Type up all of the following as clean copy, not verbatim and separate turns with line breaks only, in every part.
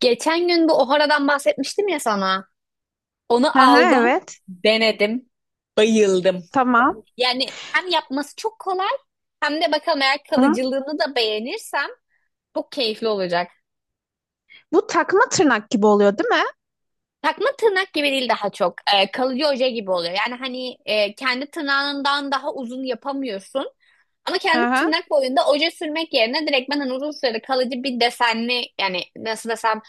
Geçen gün bu Ohara'dan bahsetmiştim ya sana. Onu
Hı hı,
aldım,
evet.
denedim, bayıldım.
Tamam.
Yani hem yapması çok kolay hem de bakalım eğer
Hı hı.
kalıcılığını da beğenirsem çok keyifli olacak.
Bu takma tırnak gibi oluyor, değil mi?
Takma tırnak gibi değil daha çok. Kalıcı oje gibi oluyor. Yani hani kendi tırnağından daha uzun yapamıyorsun. Ama
Hı
kendi
hı.
tırnak boyunda oje sürmek yerine direkt ben hani uzun süreli kalıcı bir desenli yani nasıl desem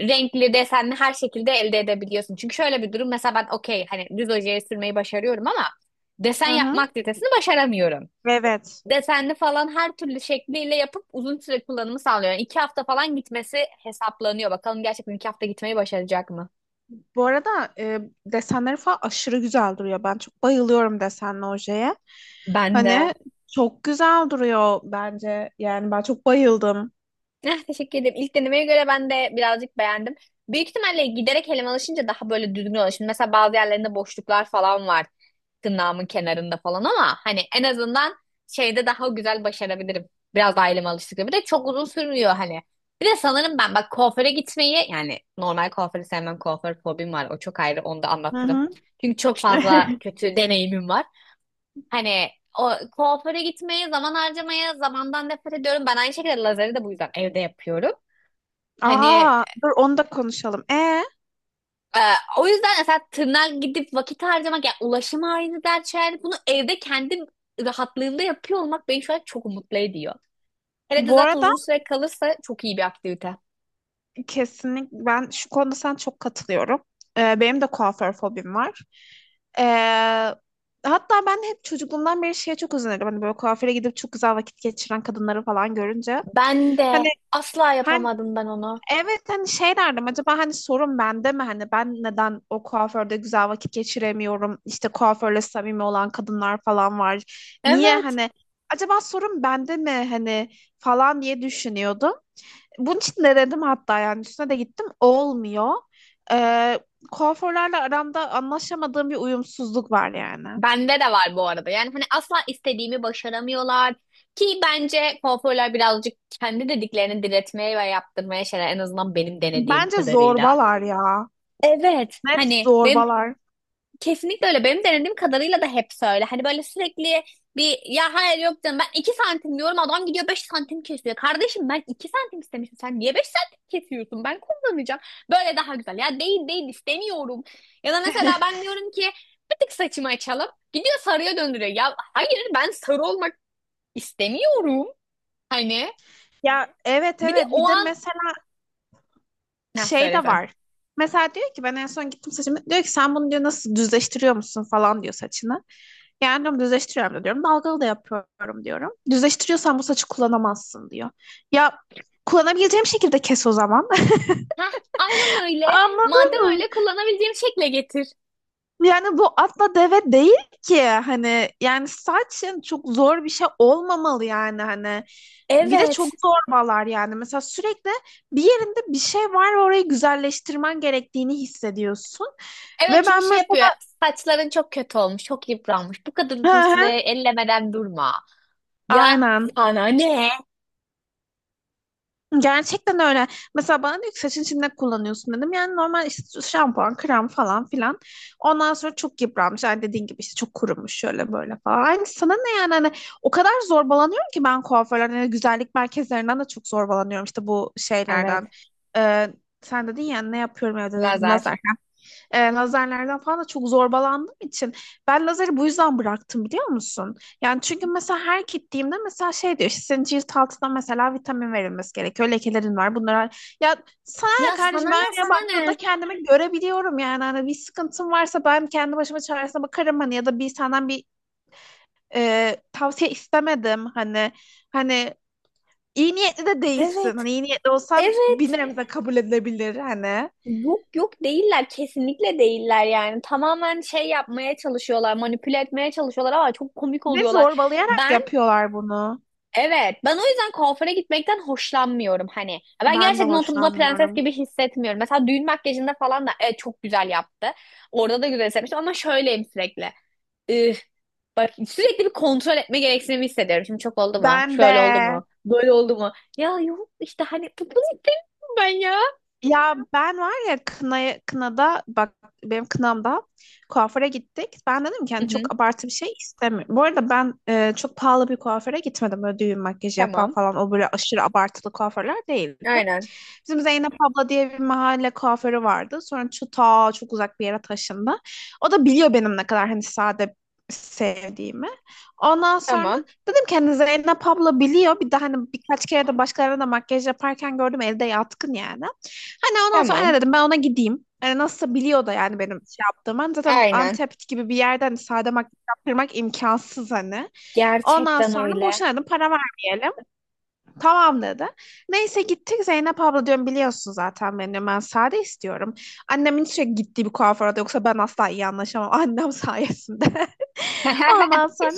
renkli desenli her şekilde elde edebiliyorsun. Çünkü şöyle bir durum mesela ben okey hani düz ojeyi sürmeyi başarıyorum ama desen
Hı
yapma
hı.
aktivitesini başaramıyorum.
Evet.
Desenli falan her türlü şekliyle yapıp uzun süre kullanımı sağlıyor. Yani 2 hafta falan gitmesi hesaplanıyor. Bakalım gerçekten 2 hafta gitmeyi başaracak mı?
Bu arada desenleri falan aşırı güzel duruyor. Ben çok bayılıyorum desenli ojeye.
Ben de.
Hani çok güzel duruyor bence. Yani ben çok bayıldım.
Eh, teşekkür ederim. İlk denemeye göre ben de birazcık beğendim. Büyük ihtimalle giderek elime alışınca daha böyle düzgün olur. Şimdi mesela bazı yerlerinde boşluklar falan var. Tırnağımın kenarında falan ama hani en azından şeyde daha güzel başarabilirim. Biraz daha elime alıştıkça. Bir de çok uzun sürmüyor hani. Bir de sanırım ben bak kuaföre gitmeyi yani normal kuaförü sevmem kuaför fobim var. O çok ayrı onu da
Hı
anlatırım.
hı.
Çünkü çok fazla kötü deneyimim var. Hani o kuaföre gitmeye, zaman harcamaya, zamandan nefret ediyorum. Ben aynı şekilde lazeri de bu yüzden evde yapıyorum. Hani
Aa, dur onu da konuşalım.
e, o yüzden mesela tırnağa gidip vakit harcamak, yani ulaşım aynı dert şeyler. Bunu evde kendi rahatlığımda yapıyor olmak beni şu an çok mutlu ediyor. Hele de
Bu
zaten
arada,
uzun süre kalırsa çok iyi bir aktivite.
kesinlikle ben şu konuda sana çok katılıyorum. Benim de kuaför fobim var. Ee, Hatta ben hep çocukluğumdan beri şeye çok özenirdim. Hani böyle kuaföre gidip çok güzel vakit geçiren kadınları falan görünce.
Ben de
Hani
asla
hani
yapamadım ben onu.
evet hani şey derdim, acaba hani sorun bende mi, hani ben neden o kuaförde güzel vakit geçiremiyorum, işte kuaförle samimi olan kadınlar falan var, niye
Evet.
hani acaba sorun bende mi hani falan diye düşünüyordum, bunun için de dedim hatta, yani üstüne de gittim. Olmuyor. Ee, Kuaförlerle aramda anlaşamadığım bir uyumsuzluk var yani.
Bende de var bu arada. Yani hani asla istediğimi başaramıyorlar. Ki bence kuaförler birazcık kendi dediklerini diretmeye ve yaptırmaya şeyler en azından benim denediğim
Bence
kadarıyla.
zorbalar ya.
Evet.
Net
Hani benim.
zorbalar.
Kesinlikle öyle. Benim denediğim kadarıyla da hep öyle. Hani böyle sürekli bir ya hayır yok canım ben 2 santim diyorum adam gidiyor 5 santim kesiyor. Kardeşim ben 2 santim istemiştim. Sen niye 5 santim kesiyorsun? Ben kullanacağım. Böyle daha güzel. Ya değil değil istemiyorum. Ya da mesela ben diyorum ki bir tık saçımı açalım. Gidiyor sarıya döndürüyor. Ya hayır ben sarı olmak istemiyorum. Hani
Ya, evet
bir de
evet, bir
o
de
an
mesela
ne
şey de
söylesen.
var. Mesela diyor ki ben en son gittim saçımı. Diyor ki sen bunu diyor nasıl düzleştiriyor musun falan diyor saçını. Yani diyorum düzleştiriyorum da diyorum. Dalgalı da yapıyorum diyorum. Düzleştiriyorsan bu saçı kullanamazsın diyor. Ya kullanabileceğim şekilde kes o zaman.
Heh, aynen öyle.
Anladın
Madem
mı?
öyle kullanabileceğim şekle getir.
Yani bu atla deve değil ki hani, yani saçın çok zor bir şey olmamalı yani hani, bir de çok
Evet.
zorbalar yani, mesela sürekli bir yerinde bir şey var ve orayı güzelleştirmen gerektiğini hissediyorsun
Evet
ve
çünkü
ben
şey
mesela.
yapıyor. Saçların çok kötü olmuş, çok yıpranmış. Bu kadar
Hı
uzun süre
hı,
ellemeden durma. Ya
aynen.
sana ne?
Gerçekten öyle. Mesela bana diyor ki saçın, içinde kullanıyorsun dedim. Yani normal işte şampuan, krem falan filan. Ondan sonra çok yıpranmış. Yani dediğin gibi işte çok kurumuş şöyle böyle falan. Hani sana ne yani hani, o kadar zorbalanıyorum ki ben kuaförlerden, hani güzellik merkezlerinden de çok zorbalanıyorum. İşte bu
Evet.
şeylerden. Ee, Sen dedin ya ne yapıyorum evde dedin,
Lazer.
lazer, lazerlerden falan da çok zorbalandığım için ben lazeri bu yüzden bıraktım biliyor musun? Yani çünkü mesela her gittiğimde mesela şey diyor, işte senin cilt altına mesela vitamin verilmesi gerekiyor. Lekelerin var, bunlara. Ya sana ne
Ya sana
kardeşim, ben
ne,
aynaya
sana
baktığımda
ne?
kendimi görebiliyorum yani. Hani bir sıkıntım varsa ben kendi başıma çaresine bakarım hani, ya da bir senden bir tavsiye istemedim hani iyi niyetli de değilsin. Hani
Evet,
iyi niyetli olsan bir
evet.
nebze kabul edilebilir hani.
Yok yok değiller, kesinlikle değiller yani. Tamamen şey yapmaya çalışıyorlar, manipüle etmeye çalışıyorlar ama çok komik
Ve
oluyorlar.
zorbalayarak
Ben.
yapıyorlar bunu.
Evet, ben o yüzden kuaföre gitmekten hoşlanmıyorum hani. Ben
Ben de
gerçekten oturduğumda prenses
hoşlanmıyorum.
gibi hissetmiyorum. Mesela düğün makyajında falan da evet, çok güzel yaptı. Orada da güzel hissetmiştim ama şöyleyim sürekli. Üf, bak sürekli bir kontrol etme gereksinimi hissediyorum. Şimdi çok oldu mu?
Ben
Şöyle oldu
de.
mu? Böyle oldu mu? Ya yok işte hani bunu istemiyorum ben ya.
Ya ben var ya, kınaya, kınada bak, benim kınamda kuaföre gittik. Ben dedim ki
Hı
hani
hı,
çok abartı bir şey istemiyorum. Bu arada ben çok pahalı bir kuaföre gitmedim. Böyle düğün makyajı yapan
tamam.
falan, o böyle aşırı abartılı kuaförler değildi.
Aynen.
Bizim Zeynep abla diye bir mahalle kuaförü vardı. Sonra şu ta çok uzak bir yere taşındı. O da biliyor benim ne kadar hani sade sevdiğimi. Ondan sonra
Tamam.
dedim ki, hani Zeynep abla biliyor. Bir de hani birkaç kere de başkalarına da makyaj yaparken gördüm, elde yatkın yani. Hani ondan sonra anne
Tamam.
dedim, ben ona gideyim. Hani nasılsa biliyor da yani benim şey yaptığımı. Hani zaten
Aynen.
Antep gibi bir yerden sade makyaj yaptırmak imkansız hani. Ondan
Gerçekten
sonra
öyle.
boşuna dedim, para vermeyelim. Tamam dedi. Neyse gittik, Zeynep abla diyorum biliyorsun zaten beni, diyorum, ben sade istiyorum. Annemin sürekli gittiği bir kuaföre de, yoksa ben asla iyi anlaşamam annem sayesinde. Ondan sonra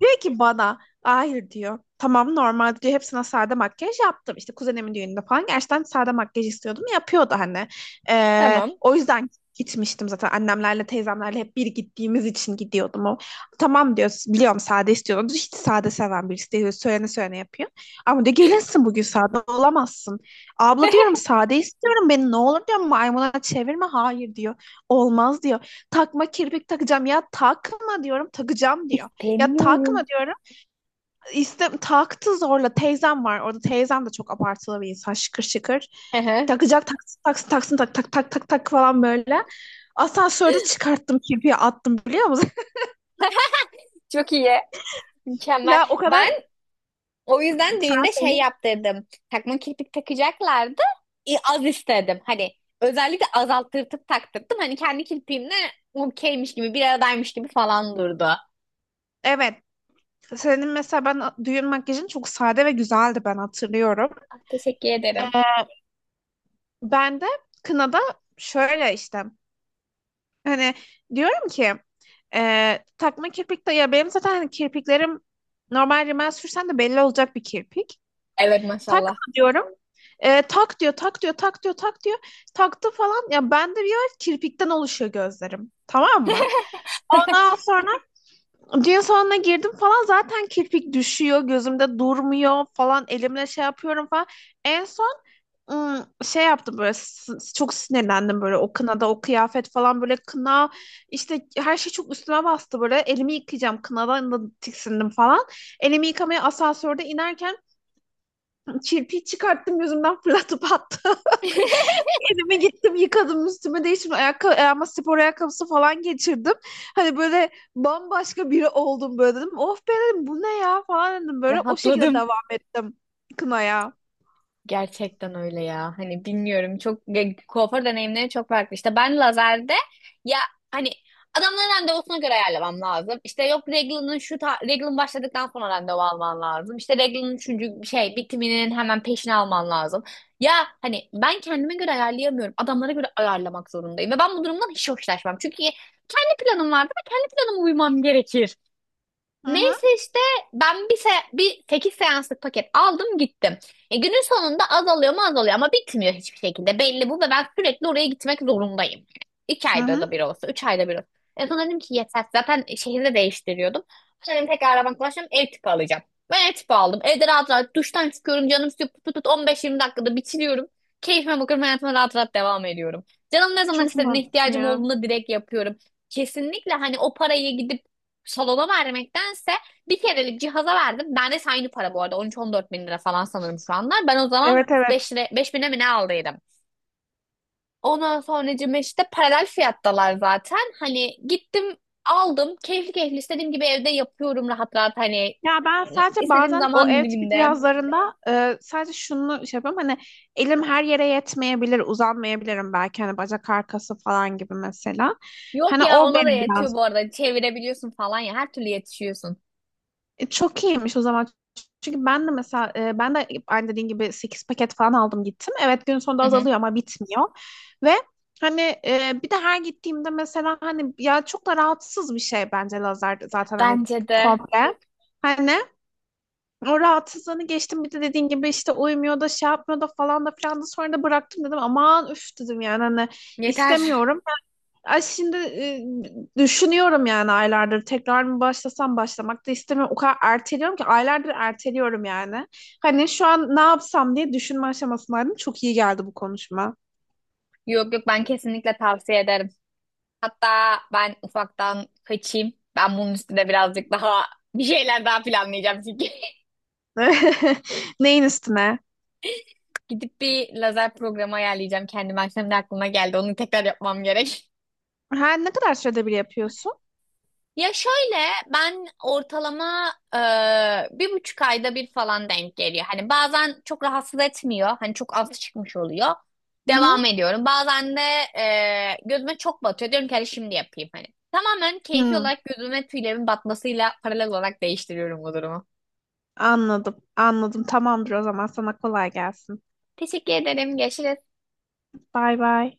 diyor ki bana, hayır diyor. Tamam normal diyor. Hepsine sade makyaj yaptım. İşte kuzenimin düğününde falan gerçekten sade makyaj istiyordum. Yapıyordu hani.
Tamam.
O yüzden gitmiştim zaten. Annemlerle teyzemlerle hep bir gittiğimiz için gidiyordum. O, tamam diyor. Biliyorum sade istiyordum. Hiç sade seven birisi değil. Söylene söylene yapıyor. Ama diyor gelirsin bugün sade olamazsın. Abla diyorum, sade istiyorum. Beni ne olur diyor, maymuna çevirme. Hayır diyor. Olmaz diyor. Takma kirpik takacağım, ya takma diyorum, takacağım diyor. Ya takma
İstemiyorum.
diyorum. İste, taktı zorla. Teyzem var orada. Teyzem de çok abartılı bir insan. Şıkır şıkır.
Hı hı.
Takacak, taksın taksın taksın, tak tak tak tak tak falan böyle. Asansörde çıkarttım kirpiği, attım, biliyor musun?
Çok iyi. Mükemmel.
Ya o
Ben
kadar,
o yüzden
sen
düğünde şey
söyle.
yaptırdım. Takma kirpik takacaklardı. Az istedim. Hani özellikle azalttırtıp taktırdım. Hani kendi kirpiğimle okeymiş gibi, bir aradaymış gibi falan durdu. Ah,
Evet. Senin mesela ben düğün makyajın çok sade ve güzeldi, ben hatırlıyorum.
teşekkür ederim.
Ee, Ben de kınada şöyle işte hani diyorum ki, takma kirpik de, ya benim zaten hani kirpiklerim normal rimel sürsen de belli olacak bir kirpik.
Evet maşallah.
Takma diyorum. Tak diyor, tak diyor, tak diyor, tak diyor. Taktı falan. Ya bende bir yer kirpikten oluşuyor gözlerim. Tamam mı? Ondan sonra düğün salonuna girdim falan, zaten kirpik düşüyor gözümde durmuyor falan, elimle şey yapıyorum falan. En son şey yaptım böyle, çok sinirlendim böyle, o kınada o kıyafet falan böyle, kına işte, her şey çok üstüme bastı böyle, elimi yıkayacağım, kınadan da tiksindim falan. Elimi yıkamaya asansörde inerken kirpiği çıkarttım gözümden, fırlatıp attım. Elime gittim yıkadım, üstüme değiştim. Ayağıma spor ayakkabısı falan geçirdim. Hani böyle bambaşka biri oldum böyle, dedim of be, dedim bu ne ya falan, dedim böyle. O şekilde
Rahatladım.
devam ettim kınaya.
Gerçekten öyle ya. Hani bilmiyorum kuaför deneyimleri çok farklı. İşte ben lazerde ya hani adamların randevusuna göre ayarlamam lazım. İşte yok Regla'nın şu ta Reglan başladıktan sonra randevu alman lazım. İşte Regla'nın üçüncü şey bitiminin hemen peşine alman lazım. Ya hani ben kendime göre ayarlayamıyorum. Adamlara göre ayarlamak zorundayım. Ve ben bu durumdan hiç hoşlaşmam. Çünkü kendi planım vardır ve kendi planıma uymam gerekir.
Hı
Neyse
hı.
işte ben 18 seanslık paket aldım gittim. Günün sonunda azalıyor mu azalıyor ama bitmiyor hiçbir şekilde. Belli bu ve ben sürekli oraya gitmek zorundayım. İki
Hı
ayda da
hı.
bir olsa, 3 ayda bir olsa. En son dedim ki yeter. Zaten şehirde değiştiriyordum. Dedim tekrar arabam kullanacağım, ev tipi alacağım. Ben ev tipi aldım. Evde rahat rahat duştan çıkıyorum. Canım istiyor. Tut tut put 15-20 dakikada bitiriyorum. Keyfime bakıyorum. Hayatıma rahat rahat devam ediyorum. Canım ne zaman
Çok
istediğine
mantıklı
ihtiyacım
ya.
olduğunda direkt yapıyorum. Kesinlikle hani o parayı gidip salona vermektense bir kerelik cihaza verdim. Ben de aynı para bu arada. 13-14 bin lira falan sanırım şu anlar. Ben o zaman
Evet
5
evet.
lira, 5 bine mi ne aldıydım. Ondan sonracığım işte paralel fiyattalar zaten. Hani gittim aldım. Keyifli keyifli istediğim gibi evde yapıyorum rahat rahat hani
Ya ben sadece
istediğim
bazen o
zaman
ev tipi
diliminde.
cihazlarında sadece şunu şey yapıyorum hani, elim her yere yetmeyebilir, uzanmayabilirim belki, hani bacak arkası falan gibi mesela.
Yok
Hani
ya
o
ona da
beni
yetiyor
biraz.
bu arada. Çevirebiliyorsun falan ya. Her türlü yetişiyorsun.
Çok iyiymiş o zaman. Çünkü ben de mesela ben de aynı dediğin gibi 8 paket falan aldım gittim. Evet, gün sonunda
Hı hı.
azalıyor ama bitmiyor. Ve hani bir de her gittiğimde mesela, hani ya çok da rahatsız bir şey bence lazer zaten hani,
Bence de
komple. Hani o rahatsızlığını geçtim, bir de dediğin gibi işte uyumuyor da şey yapmıyor da falan da filan da, sonra da bıraktım, dedim aman üf, dedim yani hani
yeter.
istemiyorum. Ay şimdi düşünüyorum yani aylardır, tekrar mı başlasam, başlamak da istemiyorum. O kadar erteliyorum ki aylardır erteliyorum yani. Hani şu an ne yapsam diye düşünme aşamasındaydım. Çok iyi geldi bu konuşma.
Yok yok ben kesinlikle tavsiye ederim. Hatta ben ufaktan kaçayım. Ben bunun üstüne birazcık daha bir şeyler daha planlayacağım çünkü.
Neyin üstüne?
Gidip bir lazer programı ayarlayacağım kendime. Akşam da aklıma geldi. Onu tekrar yapmam gerek.
Ha, ne kadar sürede bir yapıyorsun?
Ya şöyle ben ortalama bir buçuk ayda bir falan denk geliyor. Hani bazen çok rahatsız etmiyor. Hani çok az çıkmış oluyor.
Hı hı.
Devam ediyorum. Bazen de gözüme çok batıyor. Diyorum ki hadi şimdi yapayım hani. Tamamen keyfi
Hı,
olarak gözüme tüylerimin batmasıyla paralel olarak değiştiriyorum bu durumu.
anladım anladım, tamamdır o zaman, sana kolay gelsin.
Teşekkür ederim. Görüşürüz.
Bay bay.